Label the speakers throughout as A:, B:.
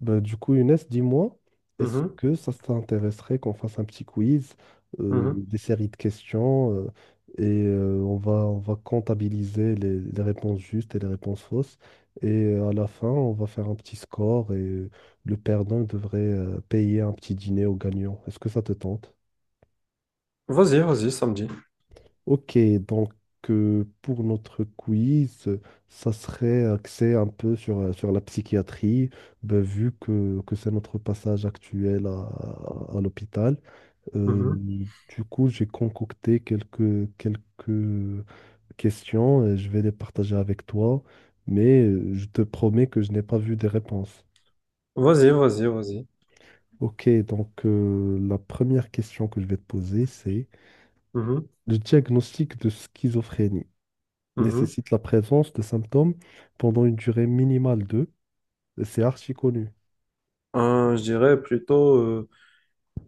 A: Younes, dis-moi, est-ce
B: Mhm,
A: que ça t'intéresserait qu'on fasse un petit quiz,
B: mhm.
A: des séries de questions, on va comptabiliser les réponses justes et les réponses fausses. À la fin, on va faire un petit score et le perdant devrait payer un petit dîner au gagnant. Est-ce que ça te tente?
B: Vas-y, vas-y, samedi.
A: Ok, donc pour notre quiz, ça serait axé un peu sur, sur la psychiatrie. Ben, vu que, c'est notre passage actuel à, l'hôpital. euh,
B: Mhm.
A: du coup, j'ai concocté quelques questions et je vais les partager avec toi, mais je te promets que je n'ai pas vu des réponses.
B: Vas-y, vas-y, vas-y.
A: Ok, donc la première question que je vais te poser, c'est:
B: Mhm,
A: le diagnostic de schizophrénie
B: mhm.
A: nécessite la présence de symptômes pendant une durée minimale de, c'est archi connu.
B: Je dirais plutôt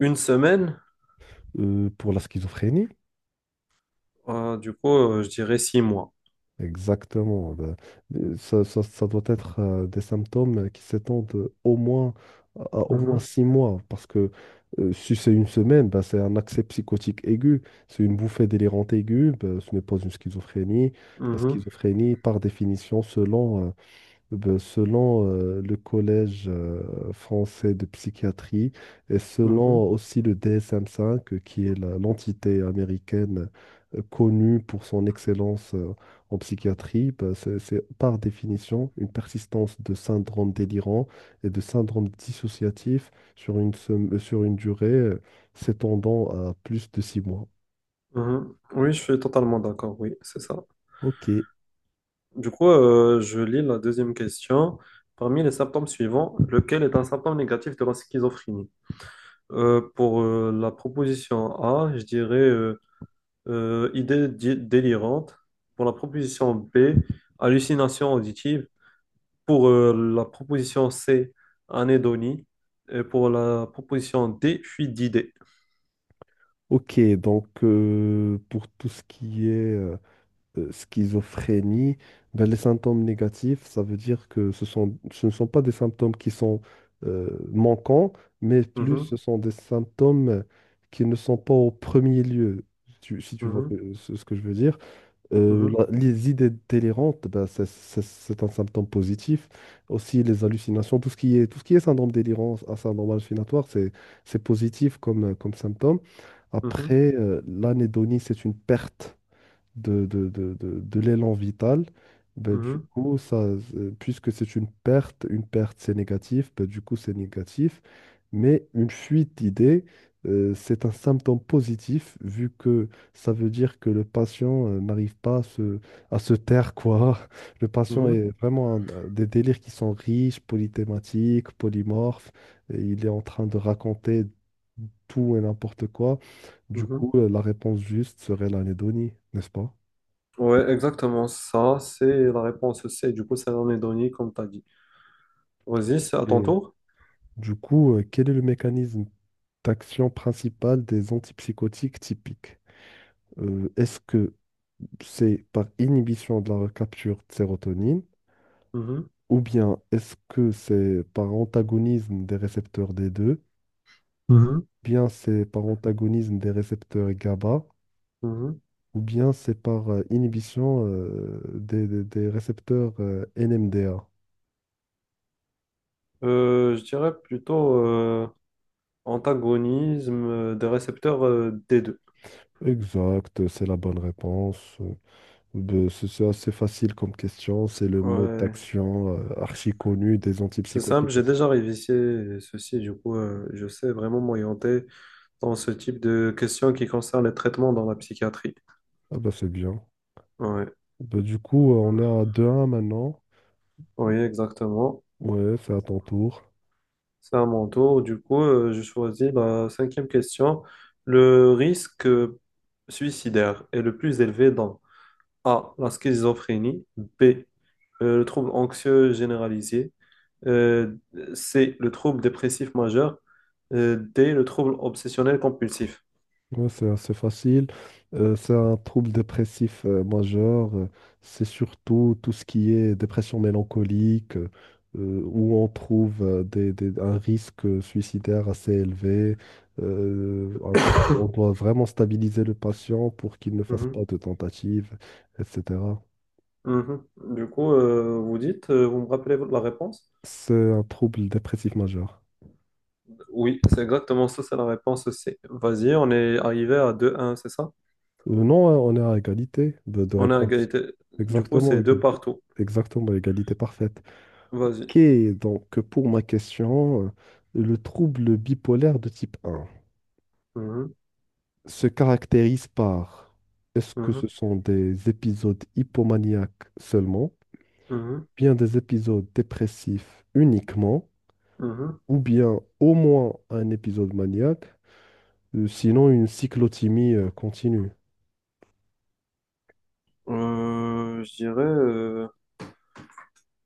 B: une semaine.
A: Pour la schizophrénie,
B: Du coup, je dirais 6 mois.
A: exactement. Ben, ça, ça doit être des symptômes qui s'étendent au moins à au moins
B: Mhm,
A: 6 mois, parce que si c'est une semaine, ben, c'est un accès psychotique aigu, c'est une bouffée délirante aiguë, ben, ce n'est pas une schizophrénie. La
B: mhm,
A: schizophrénie, par définition, selon le Collège français de psychiatrie et
B: mhm,
A: selon aussi le DSM-5, qui est l'entité américaine connue pour son excellence en psychiatrie, ben, c'est par définition une persistance de syndrome délirant et de syndrome dissociatif sur une, sur une durée s'étendant à plus de 6 mois.
B: mhm. Oui, je suis totalement d'accord. Oui, c'est ça.
A: Ok,
B: Du coup, je lis la deuxième question. Parmi les symptômes suivants, lequel est un symptôme négatif de la schizophrénie? Pour la proposition A, je dirais idée délirante. Pour la proposition B, hallucination auditive. Pour la proposition C, anédonie. Et pour la proposition D, fuite d'idées.
A: ok, donc pour tout ce qui est... schizophrénie, ben, les symptômes négatifs, ça veut dire que ce ne sont pas des symptômes qui sont manquants, mais plus ce
B: Mhm,
A: sont des symptômes qui ne sont pas au premier lieu, si si tu vois
B: mhm,
A: ce que je veux dire.
B: mhm,
A: Les idées délirantes, ben, c'est un symptôme positif. Aussi les hallucinations, tout ce qui est syndrome délirant, un syndrome hallucinatoire, c'est positif comme, comme symptôme.
B: mhm,
A: Après, l'anédonie, c'est une perte de l'élan vital, ben,
B: mhm,
A: puisque c'est une perte c'est négatif, ben, du coup c'est négatif, mais une fuite d'idées, c'est un symptôme positif, vu que ça veut dire que le patient n'arrive pas à à se taire, quoi. Le patient
B: mhm,
A: est vraiment des délires qui sont riches, polythématiques, polymorphes, et il est en train de raconter tout et n'importe quoi. Du
B: mhm.
A: coup, la réponse juste serait l'anédonie, n'est-ce pas?
B: Ouais, exactement ça. C'est la réponse C. Du coup, c'est l'anédonie, comme tu as dit. Vas-y, c'est à ton
A: Ok.
B: tour.
A: Du coup, quel est le mécanisme d'action principal des antipsychotiques typiques? Est-ce que c'est par inhibition de la recapture de sérotonine,
B: Mhm,
A: ou bien est-ce que c'est par antagonisme des récepteurs D2,
B: mhm,
A: bien c'est par antagonisme des récepteurs GABA,
B: mhm.
A: ou bien c'est par inhibition des récepteurs NMDA?
B: Je dirais plutôt, antagonisme des récepteurs des deux.
A: Exact, c'est la bonne réponse. Ben, c'est assez facile comme question. C'est le mode
B: Ouais,
A: d'action archi connu des
B: c'est simple,
A: antipsychotiques.
B: j'ai déjà révisé ceci, du coup, je sais vraiment m'orienter dans ce type de questions qui concernent les traitements dans la psychiatrie.
A: Ah bah c'est bien.
B: Ouais.
A: Ben, du coup, on est à 2-1 maintenant.
B: Oui, exactement.
A: Ouais, c'est à ton tour.
B: C'est à mon tour. Du coup, je choisis la cinquième question. Le risque suicidaire est le plus élevé dans A, la schizophrénie, B, le trouble anxieux généralisé, euh, c'est le trouble dépressif majeur, D, le trouble obsessionnel compulsif.
A: Ouais, c'est assez facile. C'est un trouble dépressif majeur. C'est surtout tout ce qui est dépression mélancolique, où on trouve un risque suicidaire assez élevé. On doit vraiment stabiliser le patient pour qu'il ne fasse
B: Mhm,
A: pas de tentatives, etc.
B: mhm. Du coup, vous dites, vous me rappelez la réponse?
A: C'est un trouble dépressif majeur.
B: Oui, c'est exactement ça, c'est la réponse C. Vas-y, on est arrivé à 2-1, c'est ça?
A: Non, hein, on est à égalité de
B: On est à
A: réponse.
B: égalité. Du coup,
A: Exactement,
B: c'est deux
A: égalité,
B: partout.
A: exactement, égalité parfaite.
B: Vas-y.
A: Ok, donc pour ma question, le trouble bipolaire de type 1
B: Mhm,
A: se caractérise par, est-ce que ce
B: mhm,
A: sont des épisodes hypomaniaques seulement,
B: mhm,
A: bien des épisodes dépressifs uniquement,
B: mhm.
A: ou bien au moins un épisode maniaque, sinon une cyclothymie continue?
B: Euh, je dirais... euh,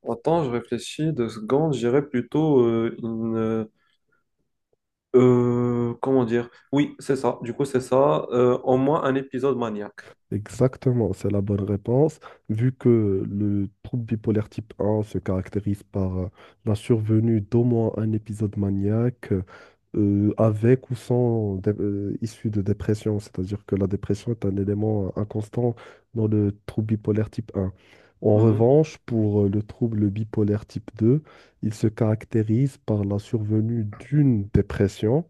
B: Attends, je réfléchis deux secondes. Je dirais plutôt comment dire? Oui, c'est ça. Du coup, c'est ça. Au moins un épisode maniaque.
A: Exactement, c'est la bonne réponse. Vu que le trouble bipolaire type 1 se caractérise par la survenue d'au moins un épisode maniaque avec ou sans issue de dépression, c'est-à-dire que la dépression est un élément inconstant dans le trouble bipolaire type 1. En
B: Mhm.
A: revanche, pour le trouble bipolaire type 2, il se caractérise par la survenue d'une dépression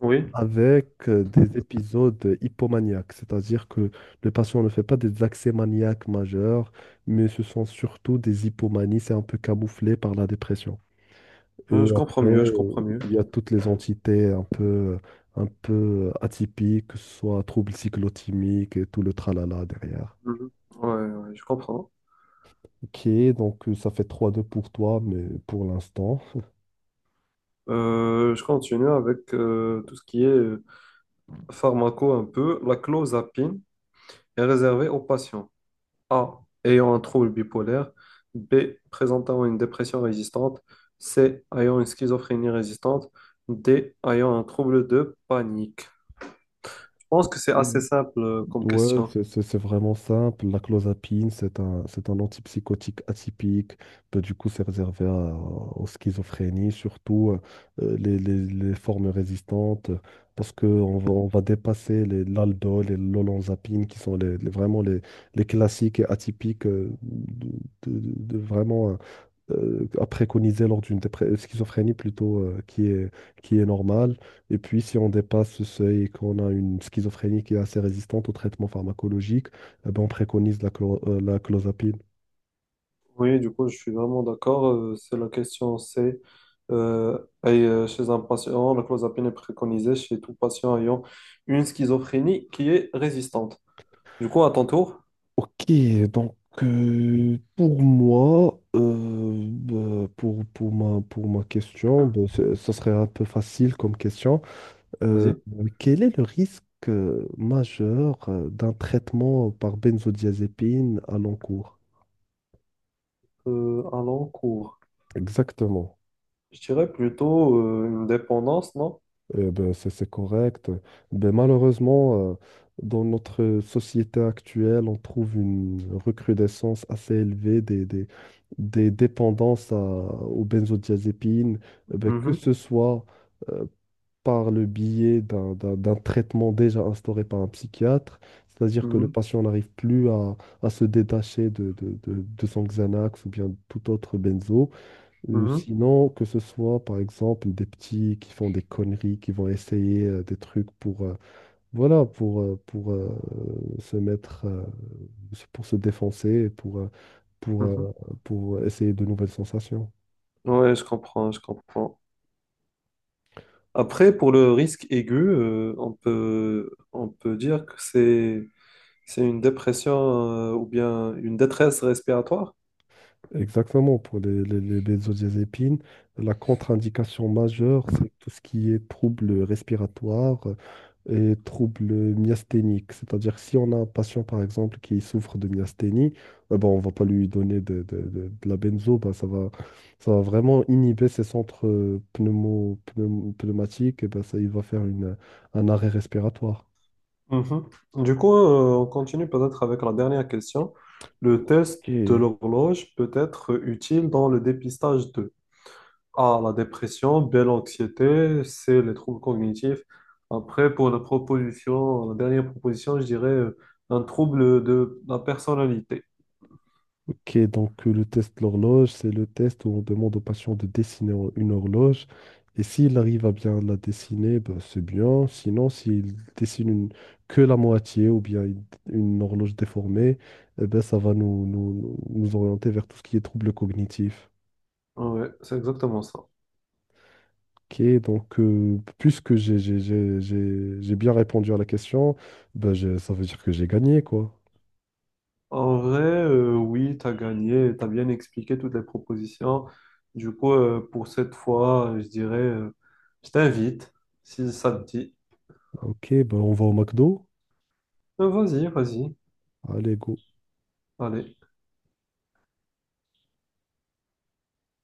B: Oui,
A: avec des épisodes hypomaniaques, c'est-à-dire que le patient ne fait pas des accès maniaques majeurs, mais ce sont surtout des hypomanies, c'est un peu camouflé par la dépression. Et
B: Je comprends
A: après,
B: mieux, je comprends mieux.
A: il y a toutes les entités un peu atypiques, que ce soit troubles cyclotimiques et tout le tralala derrière.
B: Mhm. Ouais, ouais, je comprends.
A: Ok, donc ça fait 3-2 pour toi, mais pour l'instant.
B: Je continue avec tout ce qui est pharmaco un peu. La clozapine est réservée aux patients A. ayant un trouble bipolaire, B. présentant une dépression résistante, C. ayant une schizophrénie résistante, D. ayant un trouble de panique. Je pense que c'est
A: Et
B: assez simple comme
A: Ouais,
B: question.
A: c'est vraiment simple. La clozapine, c'est un antipsychotique atypique. Bah, du coup, c'est réservé aux schizophrénies, surtout les formes résistantes, parce qu'on va, on va dépasser les l'aldol et l'olanzapine, qui sont vraiment les classiques et atypiques de vraiment à préconiser lors d'une schizophrénie plutôt qui est normale. Et puis, si on dépasse ce seuil et qu'on a une schizophrénie qui est assez résistante au traitement pharmacologique, eh ben, on préconise la clozapine.
B: Oui, du coup, je suis vraiment d'accord. C'est la question, c'est euh, et, chez un patient, la clozapine est préconisée chez tout patient ayant une schizophrénie qui est résistante. Du coup, à ton tour,
A: Ok, donc pour moi, bah, pour ma question, bah, ça serait un peu facile comme question. Euh,
B: vas-y.
A: Quel est le risque majeur d'un traitement par benzodiazépine à long cours?
B: À l'encours.
A: Exactement.
B: Je dirais plutôt une dépendance, non?
A: Eh ben, c'est correct. Ben, malheureusement, dans notre société actuelle, on trouve une recrudescence assez élevée des dépendances aux benzodiazépines. Eh ben, que
B: Mhm,
A: ce soit euh, par le biais d'un traitement déjà instauré par un psychiatre, c'est-à-dire que le
B: mhm,
A: patient n'arrive plus à se détacher de son Xanax ou bien tout autre benzo.
B: mhm,
A: Sinon, que ce soit par exemple des petits qui font des conneries, qui vont essayer des trucs pour, voilà, pour, se mettre, pour se défoncer, et pour, pour,
B: mhm.
A: euh, pour essayer de nouvelles sensations.
B: Ouais, je comprends, je comprends. Après, pour le risque aigu, on peut dire que c'est une dépression ou bien une détresse respiratoire.
A: Exactement, pour les benzodiazépines, la contre-indication majeure, c'est tout ce qui est troubles respiratoires, et troubles myasthéniques. C'est-à-dire, si on a un patient, par exemple, qui souffre de myasthénie, eh ben, on va pas lui donner de la benzo, ben, ça va vraiment inhiber ses centres pneumatiques, et ben, ça, il va faire une, un arrêt respiratoire.
B: Mhm. Du coup, on continue peut-être avec la dernière question. Le test de
A: Ok.
B: l'horloge peut être utile dans le dépistage de A, la dépression, B, l'anxiété, C, les troubles cognitifs. Après, pour la proposition, la dernière proposition, je dirais un trouble de la personnalité.
A: Ok, donc le test de l'horloge, c'est le test où on demande au patient de dessiner une horloge. Et s'il arrive à bien la dessiner, ben, c'est bien. Sinon, s'il dessine que la moitié ou bien une horloge déformée, eh ben, ça va nous orienter vers tout ce qui est troubles cognitifs.
B: Ouais, c'est exactement ça.
A: Ok, donc puisque j'ai bien répondu à la question, ben, ça veut dire que j'ai gagné, quoi.
B: En vrai, oui, tu as gagné, tu as bien expliqué toutes les propositions. Du coup, pour cette fois, je dirais, je t'invite, si ça te dit.
A: Ok, ben, on va au McDo.
B: Vas-y, vas-y.
A: Allez, go.
B: Allez.